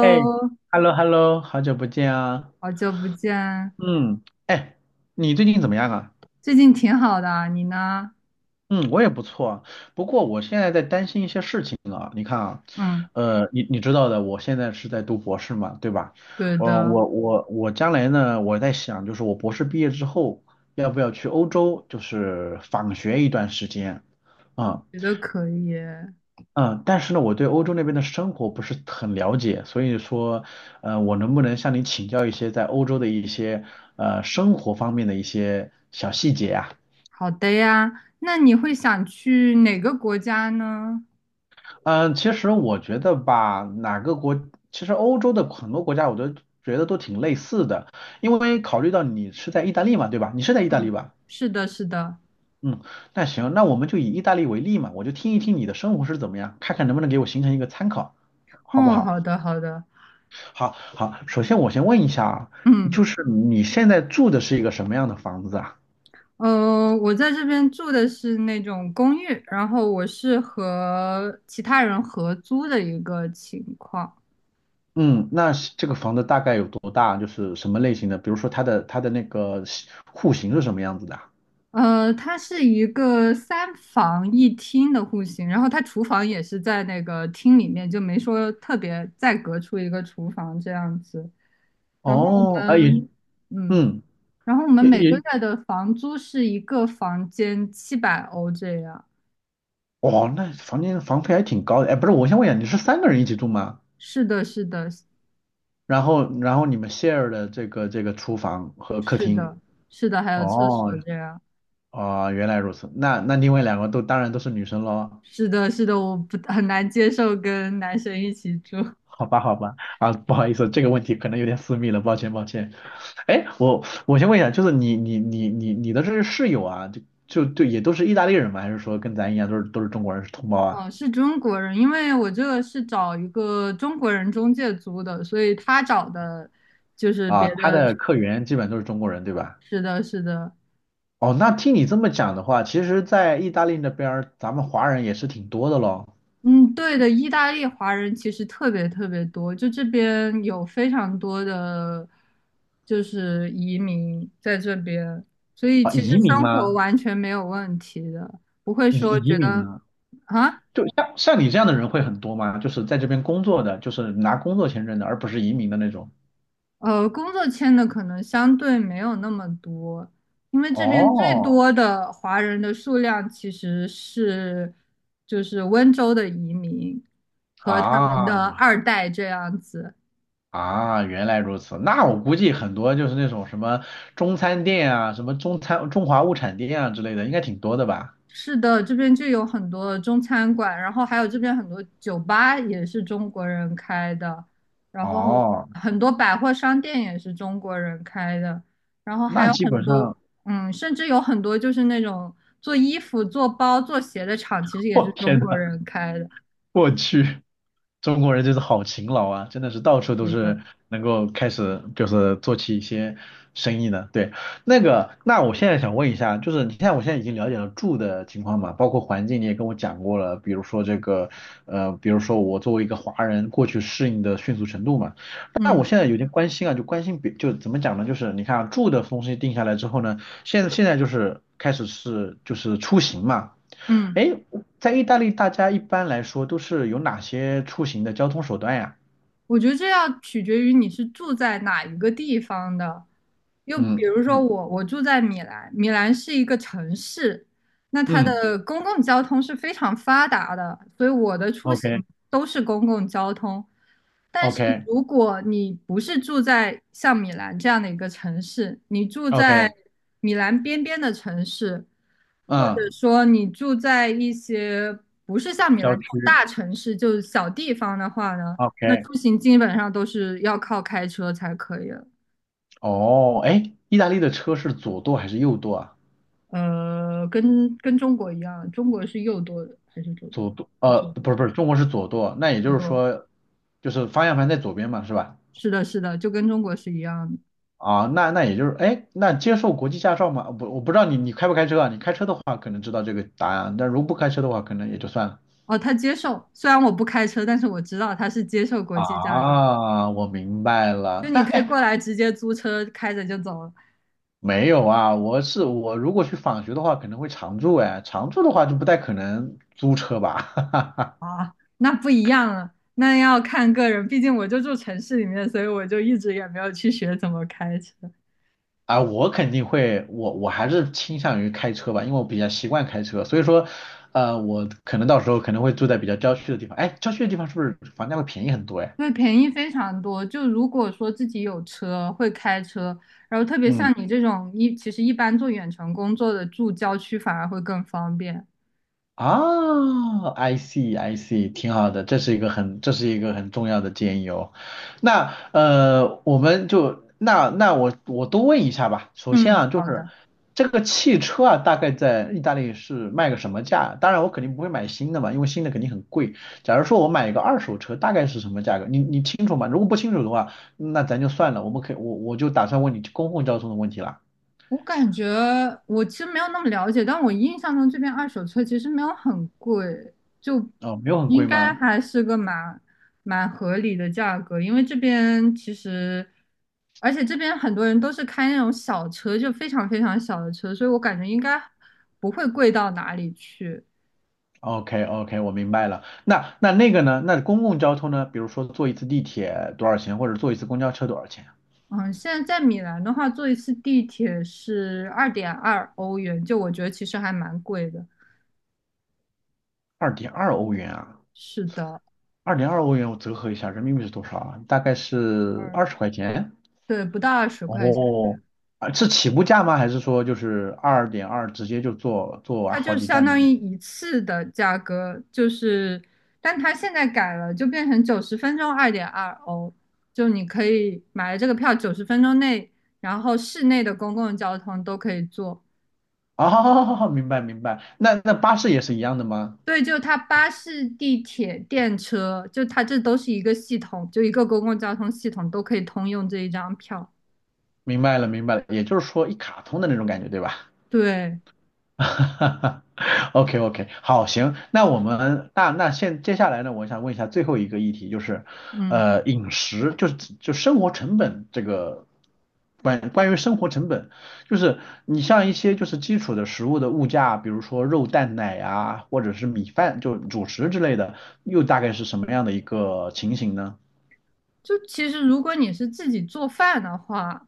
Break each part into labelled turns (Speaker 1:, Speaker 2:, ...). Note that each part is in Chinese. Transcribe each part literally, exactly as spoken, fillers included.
Speaker 1: 哎 ，hello hello，好久不见啊。
Speaker 2: 好久不见，
Speaker 1: 嗯，哎，你最近怎么样啊？
Speaker 2: 最近挺好的啊你呢？
Speaker 1: 嗯，我也不错啊。不过我现在在担心一些事情啊。你看啊，
Speaker 2: 嗯，
Speaker 1: 呃，你你知道的，我现在是在读博士嘛，对吧？
Speaker 2: 对
Speaker 1: 我
Speaker 2: 的，
Speaker 1: 我我我将来呢，我在想，就是我博士毕业之后，要不要去欧洲，就是访学一段时间啊？
Speaker 2: 觉得可以。
Speaker 1: 嗯，但是呢，我对欧洲那边的生活不是很了解，所以说，呃，我能不能向你请教一些在欧洲的一些呃生活方面的一些小细节啊？
Speaker 2: 好的呀，那你会想去哪个国家呢？
Speaker 1: 嗯，其实我觉得吧，哪个国，其实欧洲的很多国家我都觉得都挺类似的，因为考虑到你是在意大利嘛，对吧？你是在意大利
Speaker 2: 嗯，
Speaker 1: 吧？
Speaker 2: 是的，是的。
Speaker 1: 嗯，那行，那我们就以意大利为例嘛，我就听一听你的生活是怎么样，看看能不能给我形成一个参考，好不
Speaker 2: 哦，
Speaker 1: 好？
Speaker 2: 好的，好的。
Speaker 1: 好好，首先我先问一下啊，
Speaker 2: 嗯，
Speaker 1: 就是你现在住的是一个什么样的房子啊？
Speaker 2: 呃，我在这边住的是那种公寓，然后我是和其他人合租的一个情况。
Speaker 1: 嗯，那是这个房子大概有多大？就是什么类型的？比如说它的它的那个系户型是什么样子的啊？
Speaker 2: 呃，它是一个三房一厅的户型，然后它厨房也是在那个厅里面，就没说特别再隔出一个厨房这样子。然后我
Speaker 1: 哦，啊也，
Speaker 2: 们，嗯，
Speaker 1: 嗯，
Speaker 2: 然后我们
Speaker 1: 也
Speaker 2: 每个
Speaker 1: 也，
Speaker 2: 月的房租是一个房间七百欧这样。
Speaker 1: 哦，那房间房费还挺高的。哎，不是，我先问一下，你是三个人一起住吗？
Speaker 2: 是的，是的，
Speaker 1: 然后然后你们 share 的这个这个厨房和客
Speaker 2: 是
Speaker 1: 厅。
Speaker 2: 的，是的，还有厕
Speaker 1: 哦，
Speaker 2: 所这样。
Speaker 1: 哦，原来如此。那那另外两个都当然都是女生喽。
Speaker 2: 是的，是的，我不很难接受跟男生一起住。
Speaker 1: 好吧，好吧，啊，不好意思，这个问题可能有点私密了，抱歉，抱歉。哎，我我先问一下，就是你你你你你的这些室友啊，就就就也都是意大利人吗？还是说跟咱一样都是都是中国人，是同胞啊？
Speaker 2: 哦，是中国人，因为我这个是找一个中国人中介租的，所以他找的就是
Speaker 1: 啊，
Speaker 2: 别
Speaker 1: 他
Speaker 2: 的。
Speaker 1: 的客源基本都是中国人，对吧？
Speaker 2: 是的，是的，
Speaker 1: 哦，那听你这么讲的话，其实，在意大利那边儿，咱们华人也是挺多的咯。
Speaker 2: 嗯，对的，意大利华人其实特别特别多，就这边有非常多的就是移民在这边，所以
Speaker 1: 啊，
Speaker 2: 其实
Speaker 1: 移民
Speaker 2: 生活
Speaker 1: 吗？
Speaker 2: 完全没有问题的，不会
Speaker 1: 移
Speaker 2: 说
Speaker 1: 移
Speaker 2: 觉
Speaker 1: 民
Speaker 2: 得
Speaker 1: 吗？
Speaker 2: 啊。
Speaker 1: 就像像你这样的人会很多吗？就是在这边工作的，就是拿工作签证的，而不是移民的那种。
Speaker 2: 呃，工作签的可能相对没有那么多，因为这边最
Speaker 1: 哦，
Speaker 2: 多的华人的数量其实是就是温州的移民和他们
Speaker 1: 啊，
Speaker 2: 的二代这样子。
Speaker 1: 啊，原来如此。那我估计很多就是那种什么中餐店啊，什么中餐中华物产店啊之类的，应该挺多的吧？
Speaker 2: 是的，这边就有很多中餐馆，然后还有这边很多酒吧也是中国人开的，然后
Speaker 1: 哦，
Speaker 2: 很多百货商店也是中国人开的，然后还
Speaker 1: 那
Speaker 2: 有
Speaker 1: 基
Speaker 2: 很
Speaker 1: 本
Speaker 2: 多，
Speaker 1: 上，
Speaker 2: 嗯，甚至有很多就是那种做衣服、做包、做鞋的厂，其实 也是
Speaker 1: 我
Speaker 2: 中
Speaker 1: 天
Speaker 2: 国人开的。
Speaker 1: 我去，中国人就是好勤劳啊，真的是到处都
Speaker 2: 是的，
Speaker 1: 是能够开始就是做起一些生意的。对，那个，那我现在想问一下，就是你看我现在已经了解了住的情况嘛，包括环境你也跟我讲过了，比如说这个，呃，比如说我作为一个华人过去适应的迅速程度嘛。那我
Speaker 2: 嗯
Speaker 1: 现在有点关心啊，就关心别就怎么讲呢？就是你看啊住的东西定下来之后呢，现现在就是开始是就是出行嘛。
Speaker 2: 嗯。
Speaker 1: 哎，在意大利，大家一般来说都是有哪些出行的交通手段呀？
Speaker 2: 我觉得这要取决于你是住在哪一个地方的。又比
Speaker 1: 嗯
Speaker 2: 如说
Speaker 1: 嗯
Speaker 2: 我，我住在米兰，米兰是一个城市，那它
Speaker 1: 嗯
Speaker 2: 的公共交通是非常发达的，所以我的出
Speaker 1: ，OK
Speaker 2: 行都是公共交通。但是
Speaker 1: OK
Speaker 2: 如果你不是住在像米兰这样的一个城市，你住在
Speaker 1: OK，
Speaker 2: 米兰边边的城市，或者
Speaker 1: 嗯，
Speaker 2: 说你住在一些不是像米
Speaker 1: 郊
Speaker 2: 兰这种
Speaker 1: 区
Speaker 2: 大城市，就是小地方的话呢？那
Speaker 1: OK。
Speaker 2: 出行基本上都是要靠开车才可以了。
Speaker 1: 哦，哎，意大利的车是左舵还是右舵啊？
Speaker 2: 呃，跟跟中国一样，中国是右舵的还是左舵？
Speaker 1: 左舵，呃，
Speaker 2: 左
Speaker 1: 不是不是，中国是左舵，那也就
Speaker 2: 左
Speaker 1: 是
Speaker 2: 舵。
Speaker 1: 说，就是方向盘在左边嘛，是吧？
Speaker 2: 是的，是的，就跟中国是一样的。
Speaker 1: 啊，那那也就是，哎，那接受国际驾照吗？不，我不知道你你开不开车啊？你开车的话可能知道这个答案啊，但如果不开车的话，可能也就算了。
Speaker 2: 哦，他接受，虽然我不开车，但是我知道他是接受国际驾照，
Speaker 1: 啊，我明白
Speaker 2: 就
Speaker 1: 了。那
Speaker 2: 你可以
Speaker 1: 哎，
Speaker 2: 过来直接租车开着就走了。
Speaker 1: 没有啊，我是我如果去访学的话，可能会常住哎，常住的话就不太可能租车吧。哈哈。
Speaker 2: 啊，那不一样了，那要看个人，毕竟我就住城市里面，所以我就一直也没有去学怎么开车。
Speaker 1: 啊，我肯定会，我我还是倾向于开车吧，因为我比较习惯开车，所以说，呃，我可能到时候可能会住在比较郊区的地方。哎，郊区的地方是不是房价会便宜很多哎？
Speaker 2: 对，便宜非常多。就如果说自己有车，会开车，然后特别像
Speaker 1: 嗯
Speaker 2: 你这种一，其实一般做远程工作的，住郊区反而会更方便。
Speaker 1: 啊，I see I see，挺好的，这是一个很这是一个很重要的建议哦。那呃，我们就那那我我多问一下吧。首先
Speaker 2: 嗯，
Speaker 1: 啊，就
Speaker 2: 好
Speaker 1: 是
Speaker 2: 的。
Speaker 1: 这个汽车啊，大概在意大利是卖个什么价？当然我肯定不会买新的嘛，因为新的肯定很贵。假如说我买一个二手车，大概是什么价格？你你清楚吗？如果不清楚的话，那咱就算了，我们可以我我就打算问你公共交通的问题了。
Speaker 2: 我感觉我其实没有那么了解，但我印象中这边二手车其实没有很贵，就
Speaker 1: 哦，没有很
Speaker 2: 应
Speaker 1: 贵
Speaker 2: 该
Speaker 1: 吗？
Speaker 2: 还是个蛮蛮合理的价格。因为这边其实，而且这边很多人都是开那种小车，就非常非常小的车，所以我感觉应该不会贵到哪里去。
Speaker 1: OK OK，我明白了。那那那个呢？那公共交通呢？比如说坐一次地铁多少钱，或者坐一次公交车多少钱啊？
Speaker 2: 嗯，现在在米兰的话，坐一次地铁是二点二欧元，就我觉得其实还蛮贵的。
Speaker 1: 二点二欧元啊，
Speaker 2: 是的，
Speaker 1: 二点二欧元我折合一下，人民币是多少啊？大概是二
Speaker 2: 嗯，
Speaker 1: 十块钱。
Speaker 2: 对，不到二十块钱。
Speaker 1: 哦，啊，是起步价吗？还是说就是二点二直接就坐坐完
Speaker 2: 它
Speaker 1: 好
Speaker 2: 就
Speaker 1: 几
Speaker 2: 相
Speaker 1: 站那
Speaker 2: 当于
Speaker 1: 种？
Speaker 2: 一次的价格，就是，但它现在改了，就变成九十分钟二点二欧，就你可以买了这个票，九十分钟内，然后市内的公共交通都可以坐。
Speaker 1: 哦，明白明白。那那巴士也是一样的吗？
Speaker 2: 对，就它巴士、地铁、电车，就它这都是一个系统，就一个公共交通系统都可以通用这一张票。
Speaker 1: 明白了明白了，也就是说一卡通的那种感觉，对吧？
Speaker 2: 对，
Speaker 1: 哈哈 OK OK，好，行，那我们那那现接下来呢，我想问一下最后一个议题，就是
Speaker 2: 嗯，
Speaker 1: 呃饮食，就是就生活成本这个关关于生活成本，就是你像一些就是基础的食物的物价，比如说肉蛋奶啊，或者是米饭，就主食之类的，又大概是什么样的一个情形呢？
Speaker 2: 就其实如果你是自己做饭的话。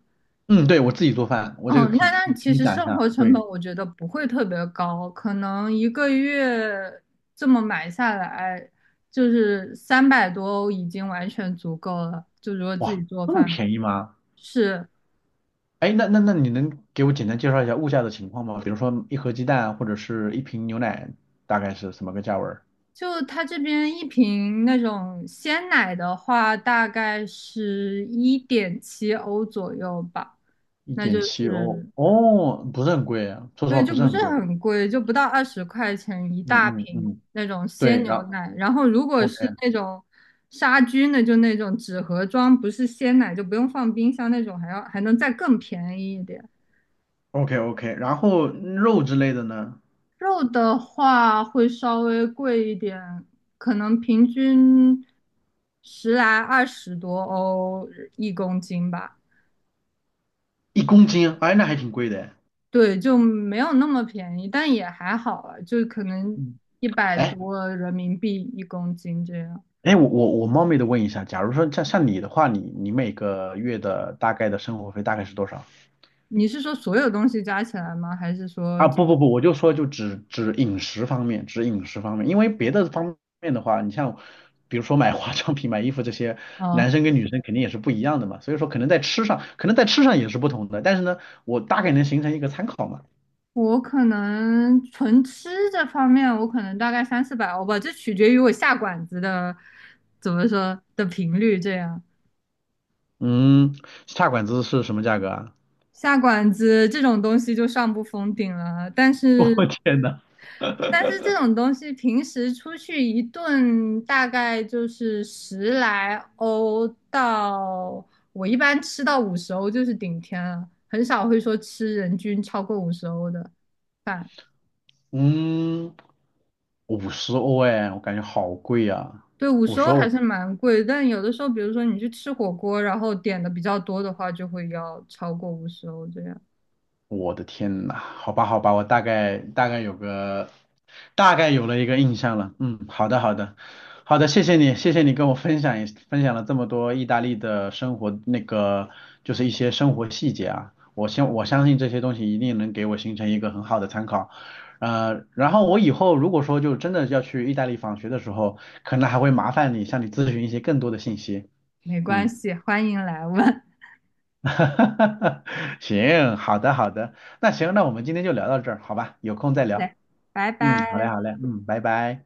Speaker 1: 嗯，对，我自己做饭，我这个
Speaker 2: 嗯，
Speaker 1: 可以
Speaker 2: 那那其
Speaker 1: 跟你
Speaker 2: 实
Speaker 1: 讲一
Speaker 2: 生
Speaker 1: 下。
Speaker 2: 活成本
Speaker 1: 对，
Speaker 2: 我觉得不会特别高，可能一个月这么买下来，就是三百多欧已经完全足够了。就如果自己
Speaker 1: 哇，
Speaker 2: 做
Speaker 1: 这么
Speaker 2: 饭，
Speaker 1: 便宜吗？
Speaker 2: 是，
Speaker 1: 哎，那那那你能给我简单介绍一下物价的情况吗？比如说一盒鸡蛋或者是一瓶牛奶，大概是什么个价位？
Speaker 2: 就他这边一瓶那种鲜奶的话，大概是一点七欧左右吧，
Speaker 1: 一
Speaker 2: 那就
Speaker 1: 点七欧，
Speaker 2: 是
Speaker 1: 哦，不是很贵啊，说实
Speaker 2: 对，
Speaker 1: 话
Speaker 2: 就
Speaker 1: 不是
Speaker 2: 不是
Speaker 1: 很贵。
Speaker 2: 很贵，就不到二十块钱一大
Speaker 1: 嗯嗯
Speaker 2: 瓶
Speaker 1: 嗯，
Speaker 2: 那种
Speaker 1: 对，
Speaker 2: 鲜
Speaker 1: 然
Speaker 2: 牛
Speaker 1: 后
Speaker 2: 奶。然后如果
Speaker 1: OK
Speaker 2: 是那种杀菌的，就那种纸盒装，不是鲜奶，就不用放冰箱那种，还要还能再更便宜一点。
Speaker 1: OK OK，然后肉之类的呢，
Speaker 2: 肉的话会稍微贵一点，可能平均十来二十多欧一公斤吧。
Speaker 1: 一公斤，哎，那还挺贵的。
Speaker 2: 对，就没有那么便宜，但也还好啊，就可能
Speaker 1: 嗯，
Speaker 2: 一百
Speaker 1: 哎，
Speaker 2: 多人民币一公斤这样。
Speaker 1: 哎，我我我冒昧的问一下，假如说像像你的话，你你每个月的大概的生活费大概是多少？
Speaker 2: 你是说所有东西加起来吗？还是说，
Speaker 1: 啊，不不不，我就说就只只饮食方面，只饮食方面，因为别的方面的话，你像比如说买化妆品、买衣服这些，
Speaker 2: 呃，
Speaker 1: 男生跟女生肯定也是不一样的嘛，所以说可能在吃上，可能在吃上也是不同的，但是呢，我大概能形成一个参考嘛。
Speaker 2: 我可能纯吃这方面，我可能大概三四百欧吧，这取决于我下馆子的怎么说的频率。这样。
Speaker 1: 嗯，下馆子是什么价格啊？
Speaker 2: 下馆子这种东西就上不封顶了，但 是
Speaker 1: 我天呐，
Speaker 2: 但是这种东西平时出去一顿大概就是十来欧到，我一般吃到五十欧就是顶天了，很少会说吃人均超过五十欧的饭。
Speaker 1: 嗯，五十欧哎，我感觉好贵啊，
Speaker 2: 对，五
Speaker 1: 五
Speaker 2: 十
Speaker 1: 十
Speaker 2: 欧
Speaker 1: 欧。
Speaker 2: 还是蛮贵，但有的时候，比如说你去吃火锅，然后点的比较多的话，就会要超过五十欧这样。
Speaker 1: 我的天呐，好吧，好吧，我大概大概有个大概有了一个印象了。嗯，好的，好的，好的，谢谢你，谢谢你跟我分享一分享了这么多意大利的生活，那个就是一些生活细节啊。我相我相信这些东西一定能给我形成一个很好的参考。呃，然后我以后如果说就真的要去意大利访学的时候，可能还会麻烦你向你咨询一些更多的信息。
Speaker 2: 没关
Speaker 1: 嗯。
Speaker 2: 系，欢迎来问。
Speaker 1: 哈哈哈哈行，好的好的，那行，那我们今天就聊到这儿，好吧？有空再
Speaker 2: 好
Speaker 1: 聊。
Speaker 2: 嘞，拜
Speaker 1: 嗯，好嘞
Speaker 2: 拜。
Speaker 1: 好嘞，嗯，拜拜。